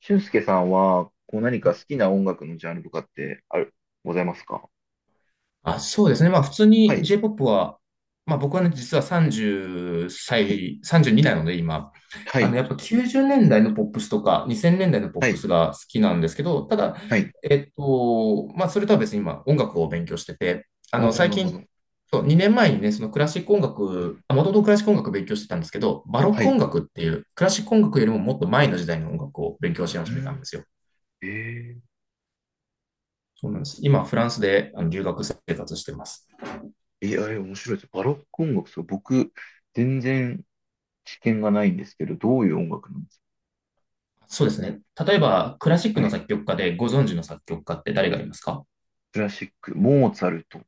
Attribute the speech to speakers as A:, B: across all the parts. A: 俊介さんは、こう何か好きな音楽のジャンルとかってございますか？
B: あ、そうですね。まあ普通
A: は
B: に
A: い、
B: J-POP は、まあ僕はね、実は30
A: はい、
B: 歳、32なので今、
A: はい、
B: やっぱ90年代のポップスとか2000年代のポッ
A: は
B: プ
A: い、
B: スが好きなんですけど、ただ、
A: はい。
B: まあそれとは別に今音楽を勉強してて、
A: ああ、
B: 最
A: なるほ
B: 近、
A: ど。
B: そう、2年前にね、そのクラシック音
A: う
B: 楽、
A: ん、
B: もともとクラシック音楽勉強してたんですけど、バロッ
A: は
B: ク音
A: い。
B: 楽っていうクラシック音楽よりももっと前の時代の音楽を勉強し
A: う
B: 始めたんで
A: ん。
B: すよ。
A: えー、
B: そうなんです。今フランスで留学生活してます。
A: えー、あれ面白いです。バロック音楽、そう、僕、全然知見がないんですけど、どういう音楽なんです
B: そうですね。例えば、クラシッ
A: か？
B: ク
A: は
B: の
A: い。
B: 作曲家でご存知の作曲家って誰がいますか？
A: クラシック、モーツァルト。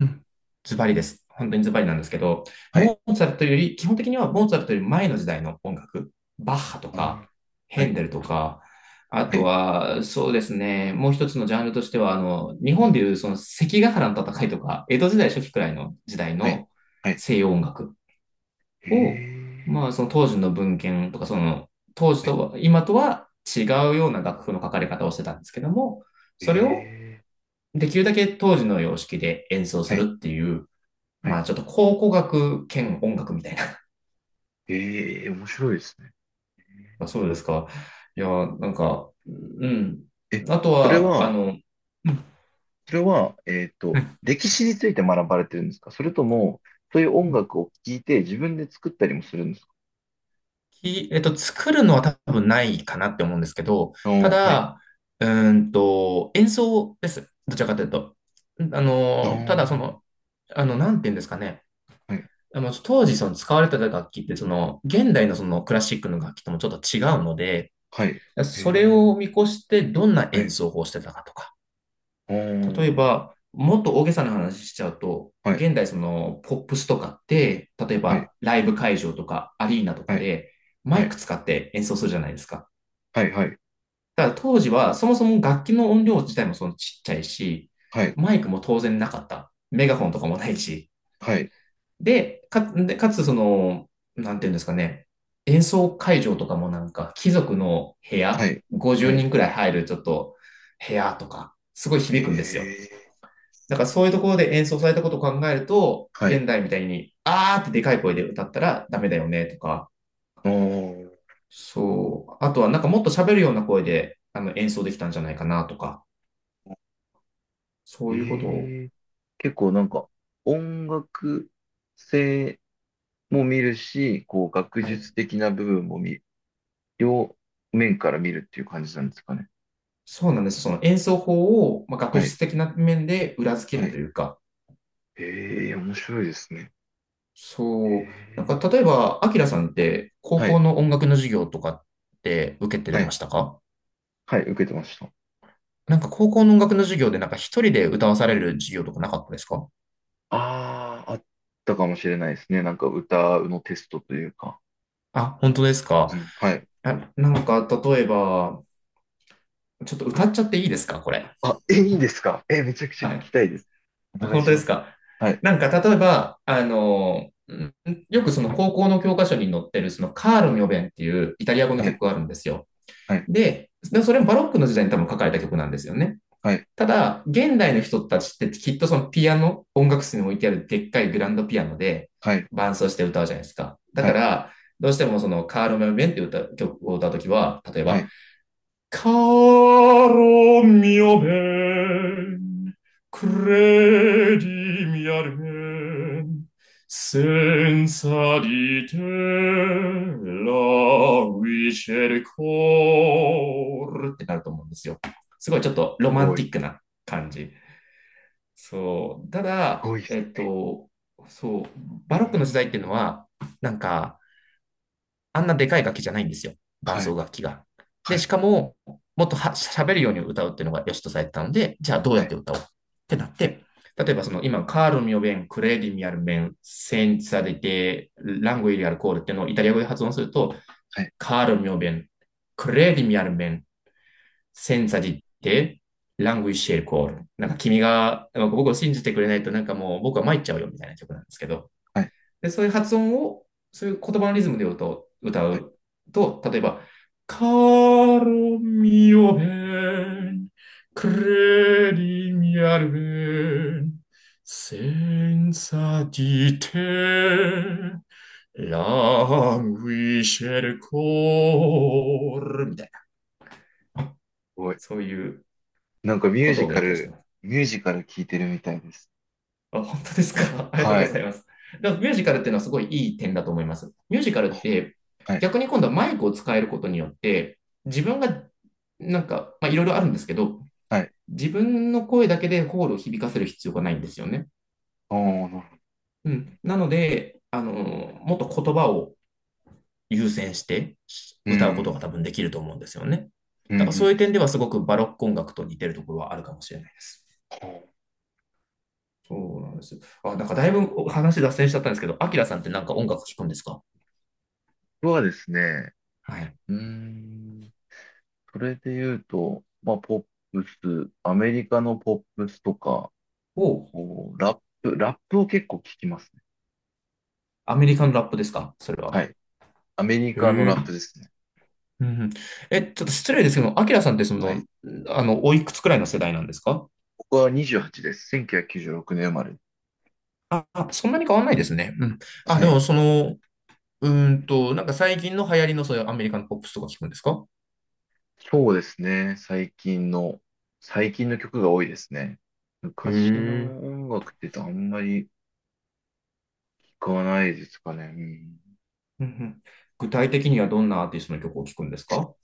B: うん。ズバリです。本当にズバリなんですけど、
A: はい。
B: モーツァルトより、基本的にはモーツァルトより前の時代の音楽、バッハと
A: う
B: か、
A: ん、は
B: ヘン
A: い、
B: デルとか、あ
A: は
B: と
A: い、
B: は、そうですね、もう一つのジャンルとしては、日
A: う
B: 本
A: ん、
B: でいうその関ヶ原の戦いとか、江戸時代初期くらいの時代
A: はい、
B: の
A: はい。
B: 西洋音楽
A: え
B: を、
A: ー、
B: まあ、その当時の文献とか、その当時
A: はい、
B: とは、今とは違うような楽譜の書かれ方をしてたんですけども、それを
A: え
B: できるだけ当時の様式で演奏
A: ー、
B: す
A: はい、
B: るっていう、
A: は
B: まあ
A: い。
B: ちょっと考古学兼音楽みたいな。
A: えー、面白いですね。
B: まあそうですか。いや、なんか、うん。
A: え、
B: あと
A: それ
B: は、
A: は、
B: うん、
A: それは、
B: はい、
A: 歴史について学ばれてるんですか？それとも、そういう音楽を聴いて自分で作ったりもするんですか？
B: き、えっと、作るのは多分ないかなって思うんですけど、
A: あ
B: た
A: ー、はい。
B: だ、演奏です。どちらかというと。
A: あ
B: ただそ
A: ー、
B: の、なんて言うんですかね。
A: はい、
B: 当時その使われてた楽器って、その、現代のそのクラシックの楽器ともちょっと違うので、
A: はい。へ
B: それを
A: え、
B: 見越してどんな
A: は
B: 演
A: い。
B: 奏法をしてたかとか、
A: あ
B: 例え
A: ー、
B: ば、もっと大げさな話しちゃうと、
A: はい、
B: 現代そのポップスとかって、例え
A: はい、
B: ばライブ会場とかアリーナと
A: は
B: か
A: い、
B: でマ
A: は
B: イク
A: い、
B: 使って演奏するじゃないですか。
A: はい、
B: だから当時はそもそも楽器の音量自体もそのちっちゃいし、
A: はい、
B: マイクも当然なかった。メガホンとかもないし。
A: はい、
B: でかつその、なんていうんですかね、演奏会場とかもなんか貴族の部
A: は
B: 屋、
A: い、は
B: 50
A: い、はい。
B: 人くらい入るちょっと部屋とか、すごい
A: へ
B: 響くんですよ。
A: え、
B: だからそういうところで演奏されたことを考えると、
A: はい。
B: 現代みたいに、あーってでかい声で歌ったらダメだよねとか、
A: あー、
B: そう。あとはなんかもっと喋るような声で演奏できたんじゃないかなとか、そういうことを、
A: ええ、結構なんか、音楽性も見るし、こう、学
B: はい。
A: 術的な部分も見、両面から見るっていう感じなんですかね。
B: そうなんです。その演奏法を、まあ、学
A: はい。
B: 術的な面で裏付け
A: は
B: ると
A: い。
B: いうか、
A: ええ、面白いですね。え
B: そう。なん
A: え。
B: か例えば、アキラさんって高
A: は
B: 校
A: い。
B: の音楽の授業とかって受けて
A: は
B: ま
A: い。
B: したか？
A: はい、受けてました。
B: なんか高校の音楽の授業でなんか一人で歌わされる授業とかなかったですか？
A: ああ、あったかもしれないですね。なんか歌のテストというか。
B: あ、本当です
A: う
B: か？
A: ん。はい。
B: あ、なんか、例えば、ちょっと歌っちゃっていいですかこれ？
A: あ、え、いいんですか？え、めちゃくちゃ聞
B: は
A: き
B: い。
A: たいです。お
B: あ、
A: 願い
B: 本当
A: し
B: で
A: ま
B: す
A: す。
B: か？
A: はい。
B: なんか、例えば、
A: は
B: よ
A: い。
B: くその高校の教科書に載ってる、そのカール・ミョベンっていうイタリア語の
A: はい。
B: 曲があるんですよ。
A: はい。
B: でそれもバロックの時代に多分書かれた曲なんですよね。
A: はい。
B: ただ、現代の人たちってきっとそのピアノ、音楽室に置いてあるでっかいグランドピアノで
A: はい。
B: 伴奏して歌うじゃないですか。だ
A: は
B: か
A: い。
B: ら、どうしてもそのカール・ミョベンっていう歌曲を歌うときは、例え
A: は
B: ば、
A: い。
B: Caro mio ben, credimi al ben, senza di te l a v i s c e il cor ってなると思うんですよ。すごいちょっと
A: す
B: ロマン
A: ごい。
B: テ
A: す
B: ィックな感じ。そう。ただ、
A: ごいっす。
B: そう、バロ
A: え
B: ックの時代っていうの
A: ー、
B: は、なんか、あんなでかい楽器じゃないんですよ。伴
A: はい。
B: 奏楽器が。
A: は
B: で、
A: い。
B: しかも、もっとは喋るように歌うっていうのが良しとされてたので、じゃあどう
A: は
B: やっ
A: い。
B: て歌おうってなっ
A: はい。
B: て、例えばその今、カールミオベン、クレーディミアルメン、センツァデテ、ラングイリアルコールっていうのをイタリア語で発音すると、
A: は
B: カールミオベン、クレーディミアルメン、センツァデテ、ラングイシェルコール。なんか君が、僕を信じてくれないとなんかもう僕は参っちゃうよみたいな曲なんですけど、
A: い。
B: で、そういう発音を、そういう言葉のリズムで歌
A: はい。す
B: うと、例えば、カロミオヘン、クレリミアルベン、センサティテ、ランウィシェルコール、みたいな。
A: ごい、
B: そういう
A: なんかミュ
B: こ
A: ー
B: と
A: ジ
B: を
A: カ
B: 勉強して
A: ル、
B: ます。
A: ミュージカル聞いてるみたいです。
B: あ、本当ですか。ありがとう
A: は
B: ご
A: い。
B: ざいます。だからミュージカルっていうのはすごいいい点だと思います。ミュージカルって
A: はい。
B: 逆に今度はマイクを使えることによって自分がなんか、まあ、いろいろあるんですけど
A: はい。
B: 自分の声だけでホールを響かせる必要がないんですよね。
A: おー、なるほど。
B: うん、なので、もっと言葉を優先して
A: う
B: 歌うこと
A: ん。
B: が多分できると思うんですよね。
A: うん。うん
B: だから
A: う
B: そういう
A: ん。
B: 点ではすごくバロック音楽と似てるところはあるかもしれないです。
A: ほう。
B: そうなんですよ。あ、なんかだいぶ話脱線しちゃったんですけど、アキラさんってなんか音楽聴くんですか？
A: 僕はですね、
B: はい。
A: うーん、それで言うと、まあ、ポップス、アメリカのポップスとか、
B: お、
A: こうラップを結構聞きますね。
B: アメリカのラップですかそれは？
A: はい。アメリカの
B: へえ。
A: ラップですね。
B: うんうん。え、ちょっと失礼ですけど、アキラさんってそ
A: はい。
B: の、おいくつくらいの世代なんですか？
A: 僕は28です。1996年生まれ。
B: あ、そんなに変わんないですね。うん。あ、
A: は
B: で
A: い。
B: もその、なんか最近の流行りのそういうアメリカのポップスとか聞くんですか？
A: そうですね。最近の曲が多いですね。
B: へ
A: 昔の
B: え。
A: 音楽って言うとあんまり聞かないですかね。うん。
B: うんうん。具体的にはどんなアーティストの曲を聞くんですか？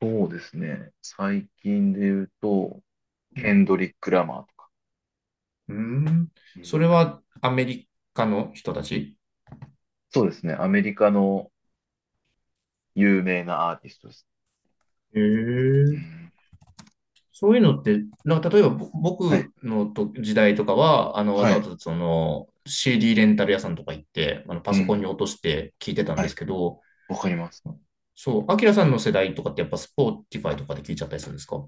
A: そうですね。最近で言うと、
B: う
A: ケ
B: ん。
A: ンドリック・ラマーとか。
B: うーん
A: うん。
B: それはアメリカの人たち？
A: そうですね。アメリカの有名なアーティストです。
B: へえ。
A: うん、
B: そういうのって、なんか例えばぼ
A: はい。
B: 僕のと時代とかは、わ
A: は
B: ざわ
A: い。
B: ざその CD レンタル屋さんとか行って、パ
A: う
B: ソコンに
A: ん。
B: 落として聞いてたん
A: は
B: で
A: い。
B: すけど、
A: わかります。
B: そう、アキラさんの世代とかってやっぱスポーティファイとかで聞いちゃったりするんですか？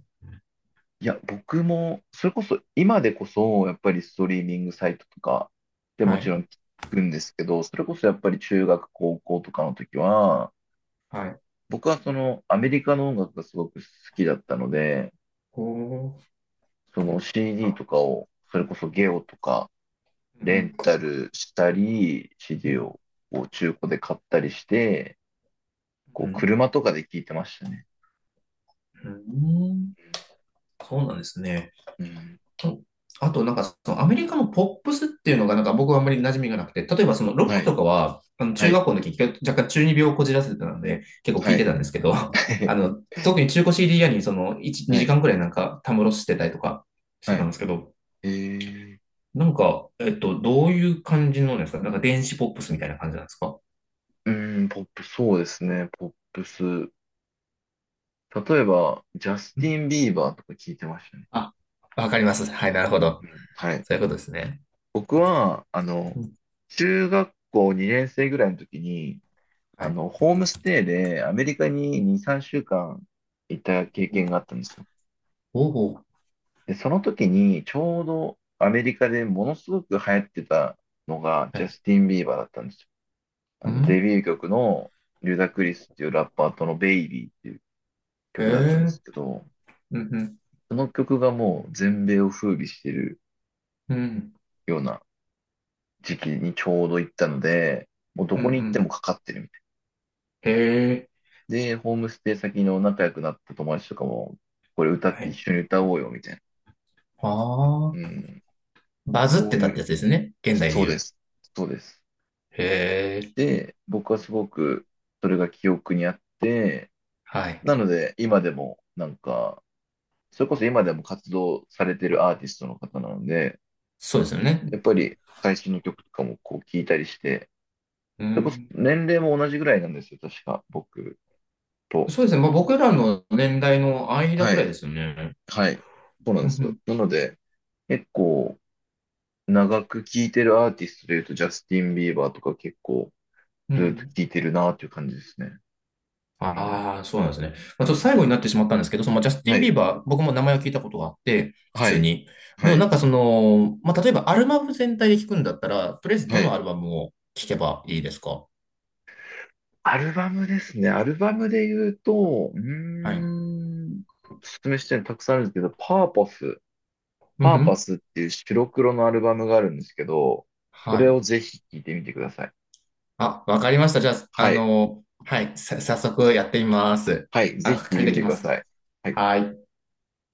A: いや、僕も、それこそ、今でこそ、やっぱりストリーミングサイトとかで
B: は
A: もち
B: い、
A: ろん聞くんですけど、それこそやっぱり中学、高校とかの時は、
B: はい。
A: 僕はそのアメリカの音楽がすごく好きだったので、
B: おー、
A: その CD とかを、それこそゲオとか、
B: う
A: レ
B: ん、
A: ンタルしたり、
B: う
A: CD
B: ん、
A: をこう中古で買ったりして、こ
B: う
A: う
B: ん、
A: 車とかで聞いてましたね。
B: うん、そうなんですね。
A: うん。
B: と、あとなんかそのアメリカのポップスっていうのがなんか僕はあんまり馴染みがなくて、例えばそのロッ
A: は
B: ク
A: い、
B: とかは、
A: は
B: 中
A: い、
B: 学校の時、若干中二病をこじらせてたので、結構聞
A: は
B: いて
A: い、
B: たんですけど、特に中古 CD 屋にその1、
A: はい、
B: 2
A: は
B: 時間
A: い。
B: くらいなんかたむろしてたりとかし
A: は
B: てた
A: い。
B: んですけど、
A: えー。
B: なんか、どういう感じのですか？なんか電子ポップスみたいな感じなんですか？
A: ポップ、そうですね、ポップス。例えば、ジャス
B: う
A: テ
B: ん。
A: ィン・ビーバーとか聞いてましたね。
B: あ、わかります。はい、なるほど。
A: うん、はい。
B: そういうことですね。
A: 僕は、
B: うん。
A: 中学校2年生ぐらいの時に、
B: はい。
A: ホームステイでアメリカに2、3週間いた経験があったんですよ。
B: おお。
A: で、その時に、ちょうどアメリカでものすごく流行ってたのが、
B: は
A: ジャ
B: い。
A: スティン・ビーバーだったんですよ。
B: うん。
A: デビュー曲の、リュダ・ク
B: は
A: リ
B: い。
A: スっていうラッパーとのベイビーっていう
B: へ
A: 曲だったんで
B: え。
A: すけど、
B: うんうん。
A: その曲がもう全米を風靡してる
B: うん。
A: ような時期にちょうど行ったので、もうど
B: うんう
A: こに行っても
B: ん。
A: かかってるみたい。
B: へえ。
A: で、ホームステイ先の仲良くなった友達とかも、これ歌っ
B: は
A: て一
B: い。
A: 緒に歌おうよみたいな。
B: あ
A: う
B: あ。
A: ん。
B: バズっ
A: そ
B: て
A: う
B: たっ
A: い
B: てや
A: う、
B: つですね。現代で
A: そう
B: 言
A: で
B: う。
A: す。そうです。
B: へえ。
A: で、僕はすごくそれが記憶にあって、
B: はい。
A: なので今でもなんか、それこそ今でも活動されてるアーティストの方なので、
B: そうですよね。
A: やっぱり最新の曲とかもこう聞いたりして、
B: う
A: それこそ
B: ん。
A: 年齢も同じぐらいなんですよ、確か、僕と。
B: そうですね。まあ、僕らの年代の間
A: は
B: くらい
A: い。
B: ですよね。
A: はい。そうなん
B: う
A: で
B: んう
A: すよ。
B: ん。
A: なので、結構、長く聴いてるアーティストで言うと、ジャスティン・ビーバーとか結構、
B: う
A: ずっと
B: ん。
A: 聴いてるなっていう感じですね。うん。
B: ああ、そうなんですね。まあ、
A: う
B: ちょっと
A: ん。
B: 最後になってしまったんですけど、そのまあジャステ
A: は
B: ィン・ビ
A: い。
B: ーバー、僕も名前を聞いたことがあって、普
A: は
B: 通
A: い。
B: に。で
A: は
B: もな
A: い。
B: んかその、まあ、例えばアルバム全体で聞くんだったら、とりあえずど
A: は
B: の
A: い。
B: アルバムを聞けばいいですか？
A: アルバムですね。アルバムで言うと、
B: はい。
A: おすすめしてるのたくさんあるんですけど、パーパス、
B: うん
A: パ
B: う
A: ーパ
B: ん。
A: スっていう白黒のアルバムがあるんですけど、そ
B: は
A: れ
B: い。
A: をぜひ聴いてみてください。
B: あ、わかりました。じゃあ、
A: はい。
B: はい、早速やってみます。
A: はい、ぜ
B: あ、
A: ひ聞い
B: 借
A: て
B: り
A: み
B: て
A: て
B: き
A: く
B: ま
A: だ
B: す。
A: さい。はい
B: はい。